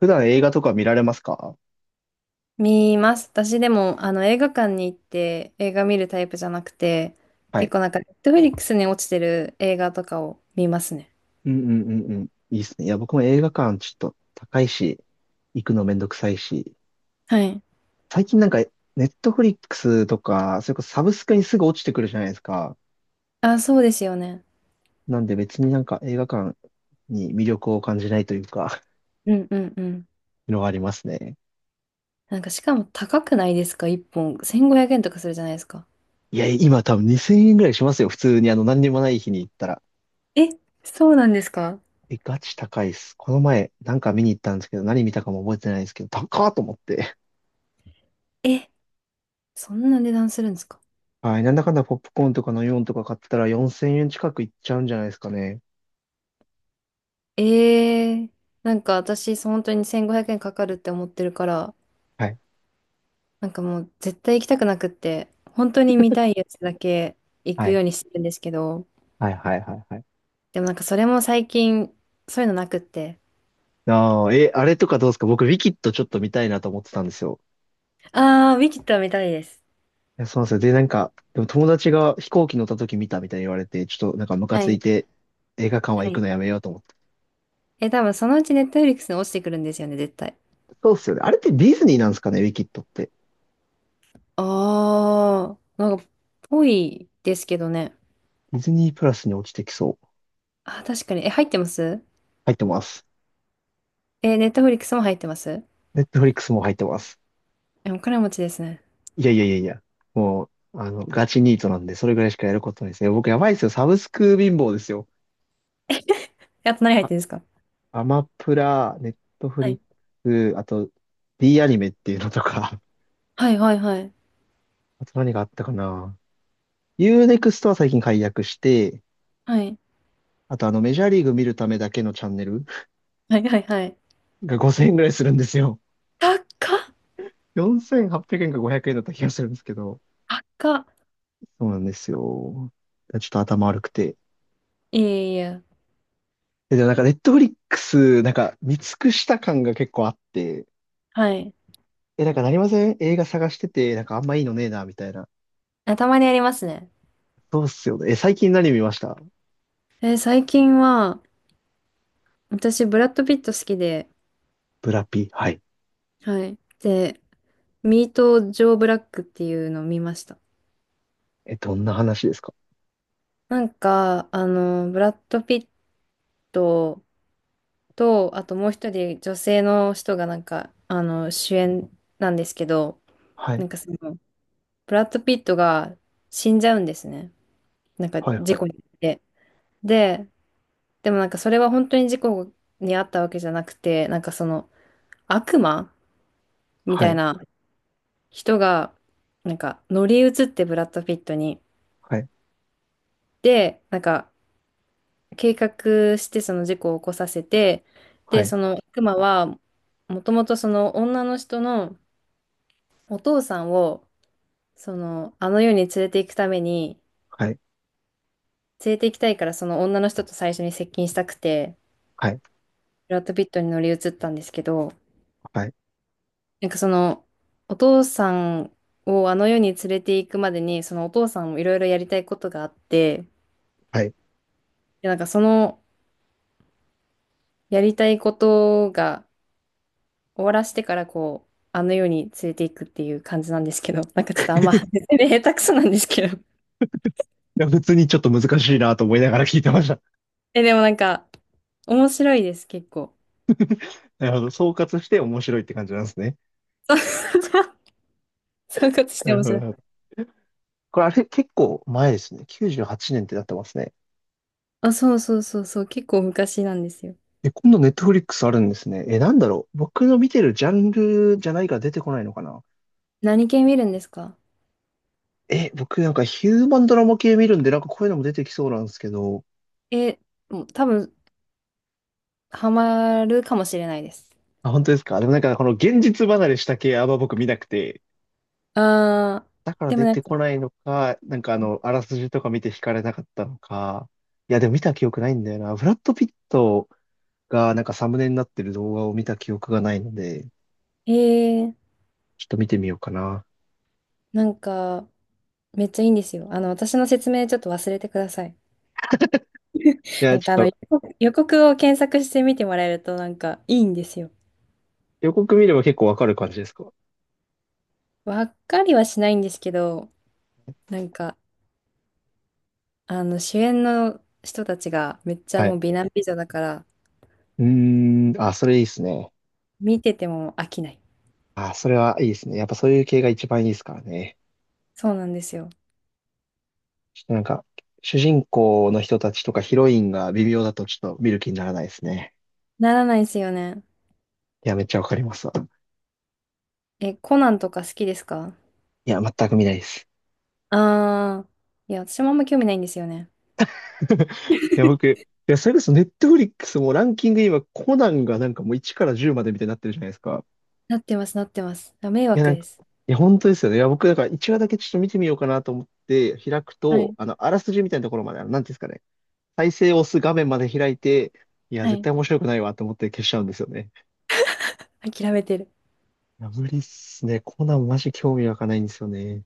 普段映画とか見られますか？見ます。私でも、映画館に行って映画見るタイプじゃなくて、はい。結構なんか、ネットフリックスに落ちてる映画とかを見ますね。うんうんうんうん。いいっすね。いや、僕も映画館ちょっと高いし、行くのめんどくさいし。はい。最近なんか、ネットフリックスとか、それこそサブスクにすぐ落ちてくるじゃないですか。あ、そうですよね。なんで別になんか映画館に魅力を感じないというか、うんうんうん。のがありますね。なんか、しかも高くないですか一本。1500円とかするじゃないですか。いや、今多分2000円ぐらいしますよ。普通にあの何にもない日に行ったら。え、そうなんですか？え、ガチ高いっす。この前なんか見に行ったんですけど、何見たかも覚えてないんですけど、高っと思って。え、そんな値段するんですか？はい。なんだかんだポップコーンとかのよんとか買ってたら4000円近くいっちゃうんじゃないですかね。ええー、なんか私、本当に1500円かかるって思ってるから、はい。なんかもう絶対行きたくなくって、本当に見たいやつだけ行はくい。ようにしてるんですけど、はいはいはいはい。でもなんかそれも最近、そういうのなくって。ああ、え、あれとかどうですか？僕、ウィキッドちょっと見たいなと思ってたんですよ。ああ、ウィキッドは見たいです。いや、そうなんですよ。で、なんか、でも友達が飛行機乗った時見たみたいに言われて、ちょっとなんかムカはついい。て映画館はは行くい。のやめようと思って。え、多分そのうちネットフリックスに落ちてくるんですよね、絶対。そうっすよね。あれってディズニーなんですかね、ウィキッドって。あー、なんか、ぽいですけどね。ディズニープラスに落ちてきそう。あー、確かに。え、入ってます？入ってます。え、ネットフリックスも入ってます？ネットフリックスも入ってます。え、お金持ちですね。いやいやいやいや。もう、あの、ガチニートなんで、それぐらいしかやることないですね。僕やばいですよ。サブスク貧乏ですよ。え、あと何入ってあ、るんですか？アマプラ、ネットフはリッいクス、あと D アニメっていうのとか、はいはいはい。あと何があったかな。ユーネクストは最近解約して、はい。あとあのメジャーリーグ見るためだけのチャンネルはいはいはい。が5000円ぐらいするんですよ。高っ4800円か500円だった気がするんですけど。高っ。そうなんですよ。ちょっと頭悪くて。いやいやいや。え、でもなんかネットフリックス、なんか見尽くした感が結構あって、はい。え、なんかなりません？映画探してて、なんかあんまいいのねえな、みたいな。あ、たまにありますね。そうっすよね。え、最近何見ました？最近は、私、ブラッド・ピット好きで、ブラピ。はい。はい。で、ミート・ジョー・ブラックっていうのを見ました。え、どんな話ですか？なんか、ブラッド・ピットと、あともう一人女性の人がなんか、主演なんですけど、はない、んかその、ブラッド・ピットが死んじゃうんですね。なんかはい、事はい、故に遭って。で、でもなんかそれは本当に事故に遭ったわけじゃなくて、なんかその、悪魔みはたいい、な人が、なんか乗り移ってブラッド・ピットに。はい、で、なんか、計画してその事故を起こさせて、はで、い、その悪魔は、もともとその女の人のお父さんを、その、あの世に連れて行くために、はい、連れて行きたいからその女の人と最初に接近したくて、はい、ブラッド・ピットに乗り移ったんですけど、はい、なんかその、お父さんをあの世に連れて行くまでに、そのお父さんもいろいろやりたいことがあって、はい。いで、なんかそのやりたいことが、終わらせてからこう、あの世に連れていくっていう感じなんですけど、なんかちょっとあんま、説明下手くそなんですけど。や、普通にちょっと難しいなと思いながら聞いてました。え、でもなんか、面白いです、結構。なるほど。総括して面白いって感じなんですね。そう そういうことしなてる面ほど、白なるほい。ど。これ、あれ、結構前ですね。98年ってなってますね。あ、そうそうそうそう、結構昔なんですよ。え、今度ネットフリックスあるんですね。え、なんだろう。僕の見てるジャンルじゃないから出てこないのかな。何系見るんですか？え、僕なんかヒューマンドラマ系見るんで、なんかこういうのも出てきそうなんですけど。え、もう多分、ハマるかもしれないです。あ、本当ですか。でもなんかこの現実離れした系あんま僕見なくて、あだかー、らでも出なんてこか、ないのか、なんかあの、あらすじとか見て惹かれなかったのか。いや、でも見た記憶ないんだよな。ブラッド・ピットがなんかサムネになってる動画を見た記憶がないので、えー、ちょっと見てみようかな。なんか、めっちゃいいんですよ。私の説明ちょっと忘れてください。いや、なんちかょっ予と告予告を検索してみてもらえるとなんかいいんですよ。予告見れば結構わかる感じですか？わっかりはしないんですけど、なんかあの主演の人たちがめっちゃはもい。う美男美女だからうーん、あ、それいいですね。見てても飽きない。あ、それはいいですね。やっぱそういう系が一番いいですからね。そうなんですよ。ちょっとなんか、主人公の人たちとかヒロインが微妙だとちょっと見る気にならないですね。ならないですよね。いや、めっちゃわかりますわ。え、コナンとか好きですか？いや、全く見ないです。ああー、いや、私もあんま興味ないんですよね。いや、僕、いや、それこそネットフリックスもランキング今、コナンがなんかもう1から10までみたいになってるじゃないですか。なってます、なってます。あ、迷いや、惑なんでか、す。いや、本当ですよね。いや、僕、だから1話だけちょっと見てみようかなと思って開くはと、い、あの、あらすじみたいなところまで、あの、なんていうんですかね。再生を押す画面まで開いて、いや、は絶い。対面白くないわと思って消しちゃうんですよね。諦めてる。いいや、無理っすね。コナンマジ興味湧かないんですよね。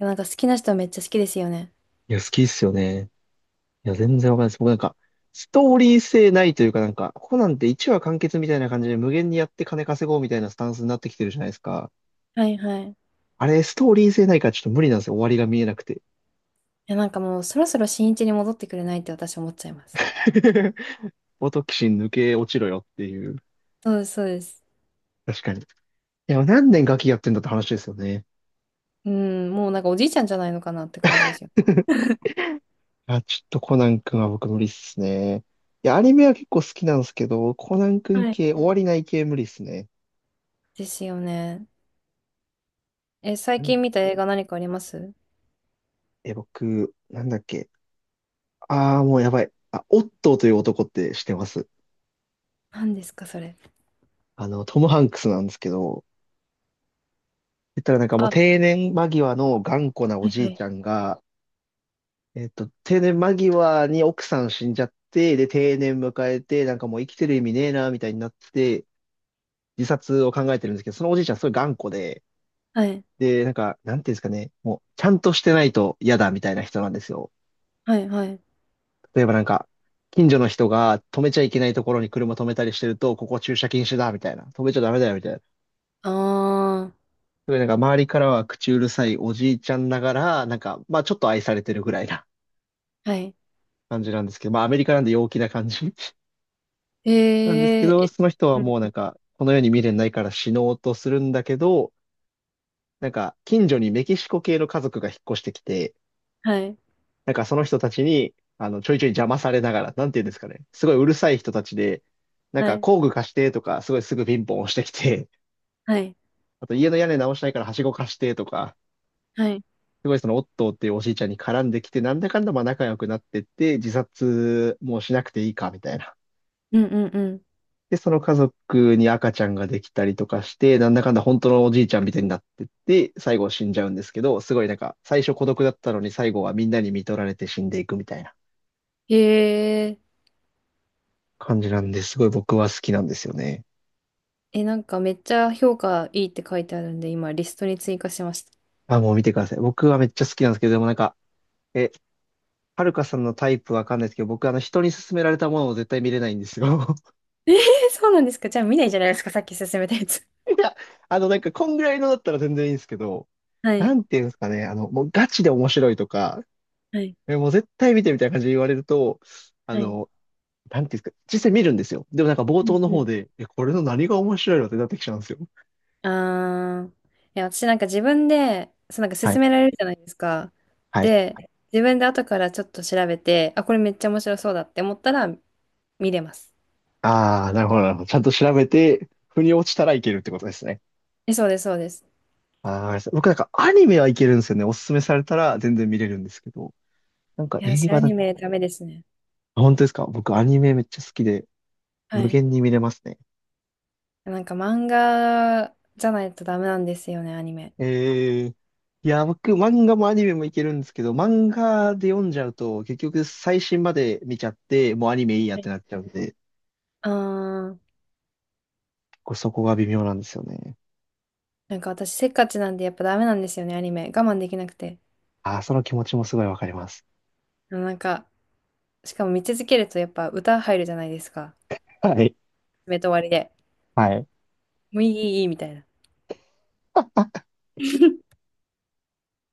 や、なんか好きな人はめっちゃ好きですよね。いや、好きっすよね。いや、全然わかんないです。僕なんか、ストーリー性ないというかなんか、コナンって1話完結みたいな感じで無限にやって金稼ごうみたいなスタンスになってきてるじゃないですか。はい、はい。いあれ、ストーリー性ないからちょっと無理なんですよ。終わりが見えなくて。や、なんかもうそろそろ新一に戻ってくれないって私思っちゃいます。オトキシン抜け落ちろよっていう。そうです、そうです。確かに。いや、何年ガキやってんだって話ですよね。うん、もうなんかおじいちゃんじゃないのかなって感じですよ。あ、ちょっとコナン君は僕無理っすね。いや、アニメは結構好きなんですけど、コナン君はい。系、終わりない系無理っすね。ですよね。え、う最ん。近見た映画何かあります？え、僕、なんだっけ。ああ、もうやばい。あ、オットーという男って知ってます？何ですか、それ。あの、トム・ハンクスなんですけど、言ったらなんかもあ、うは定年間際の頑固なおいじはいちい。ゃんが、定年間際に奥さん死んじゃって、で、定年迎えて、なんかもう生きてる意味ねえな、みたいになって、自殺を考えてるんですけど、そのおじいちゃんすごい頑固で、はい、で、なんか、なんていうんですかね、もう、ちゃんとしてないと嫌だ、みたいな人なんですよ。はい、はい。例えばなんか、近所の人が止めちゃいけないところに車止めたりしてると、ここ駐車禁止だ、みたいな。止めちゃダメだよ、みたいな。あすごいなんか周りからは口うるさいおじいちゃんながら、なんか、まあちょっと愛されてるぐらいな ー、はい。感じなんですけど、まあアメリカなんで陽気な感じ えー、なんですけど、え、その人はうん、もうなんか、この世に未練ないから死のうとするんだけど、なんか近所にメキシコ系の家族が引っ越してきて、はい、なんかその人たちに、あの、ちょいちょい邪魔されながら、なんていうんですかね、すごいうるさい人たちで、なんはかい、工具貸してとか、すごいすぐピンポン押してきて、はい、あと家の屋根直したいからはしご貸してとか、はい。すごいそのオットーっていうおじいちゃんに絡んできて、なんだかんだまあ仲良くなってって、自殺もうしなくていいか、みたいな。うん、うん、うん。で、その家族に赤ちゃんができたりとかして、なんだかんだ本当のおじいちゃんみたいになってって、最後死んじゃうんですけど、すごいなんか、最初孤独だったのに最後はみんなに見取られて死んでいくみたいなえー、感じなんで、すごい僕は好きなんですよね。え、なんかめっちゃ評価いいって書いてあるんで、今リストに追加しました。あ、もう見てください。僕はめっちゃ好きなんですけど、でもなんか、え、はるかさんのタイプわかんないですけど、僕あの人に勧められたものを絶対見れないんですよ。えー、そうなんですか。じゃあ見ないじゃないですか、さっき勧めたやつ。いや、あのなんかこんぐらいのだったら全然いいんですけど、はない、んていうんですかね、あの、もうガチで面白いとか、はい、えもう絶対見てみたいな感じで言われると、あはい。の、なんていうんですか、実際見るんですよ。でもなんか冒うん頭のう方ん。で、え、これの何が面白いのってなってきちゃうんですよ。あー、いや、私なんか自分で、そうなんかは勧い。められるじゃないですか。はい。で、自分で後からちょっと調べて、あ、これめっちゃ面白そうだって思ったら見れます。ああ、なるほど、なるほど。ちゃんと調べて、腑に落ちたらいけるってことですね。え、そうです、そうです。ああ、わかりました。僕なんかアニメはいけるんですよね。おすすめされたら全然見れるんですけど。なんかいや、映私ア画ニだ、メダメですね。本当ですか？僕アニメめっちゃ好きで、は無い。限に見れますね。なんか漫画じゃないとダメなんですよね、アニメ。ええ。いや、僕、漫画もアニメもいけるんですけど、漫画で読んじゃうと、結局最新まで見ちゃって、もうアニメいいやっはてい。なっちゃうんで、あー、これそこが微妙なんですよね。なんか私せっかちなんでやっぱダメなんですよね、アニメ。我慢できなくて。ああその気持ちもすごいわかります。なんか、しかも見続けるとやっぱ歌入るじゃないですか。はい。目と終わりで。はい。もういい、いい、いいみたいな。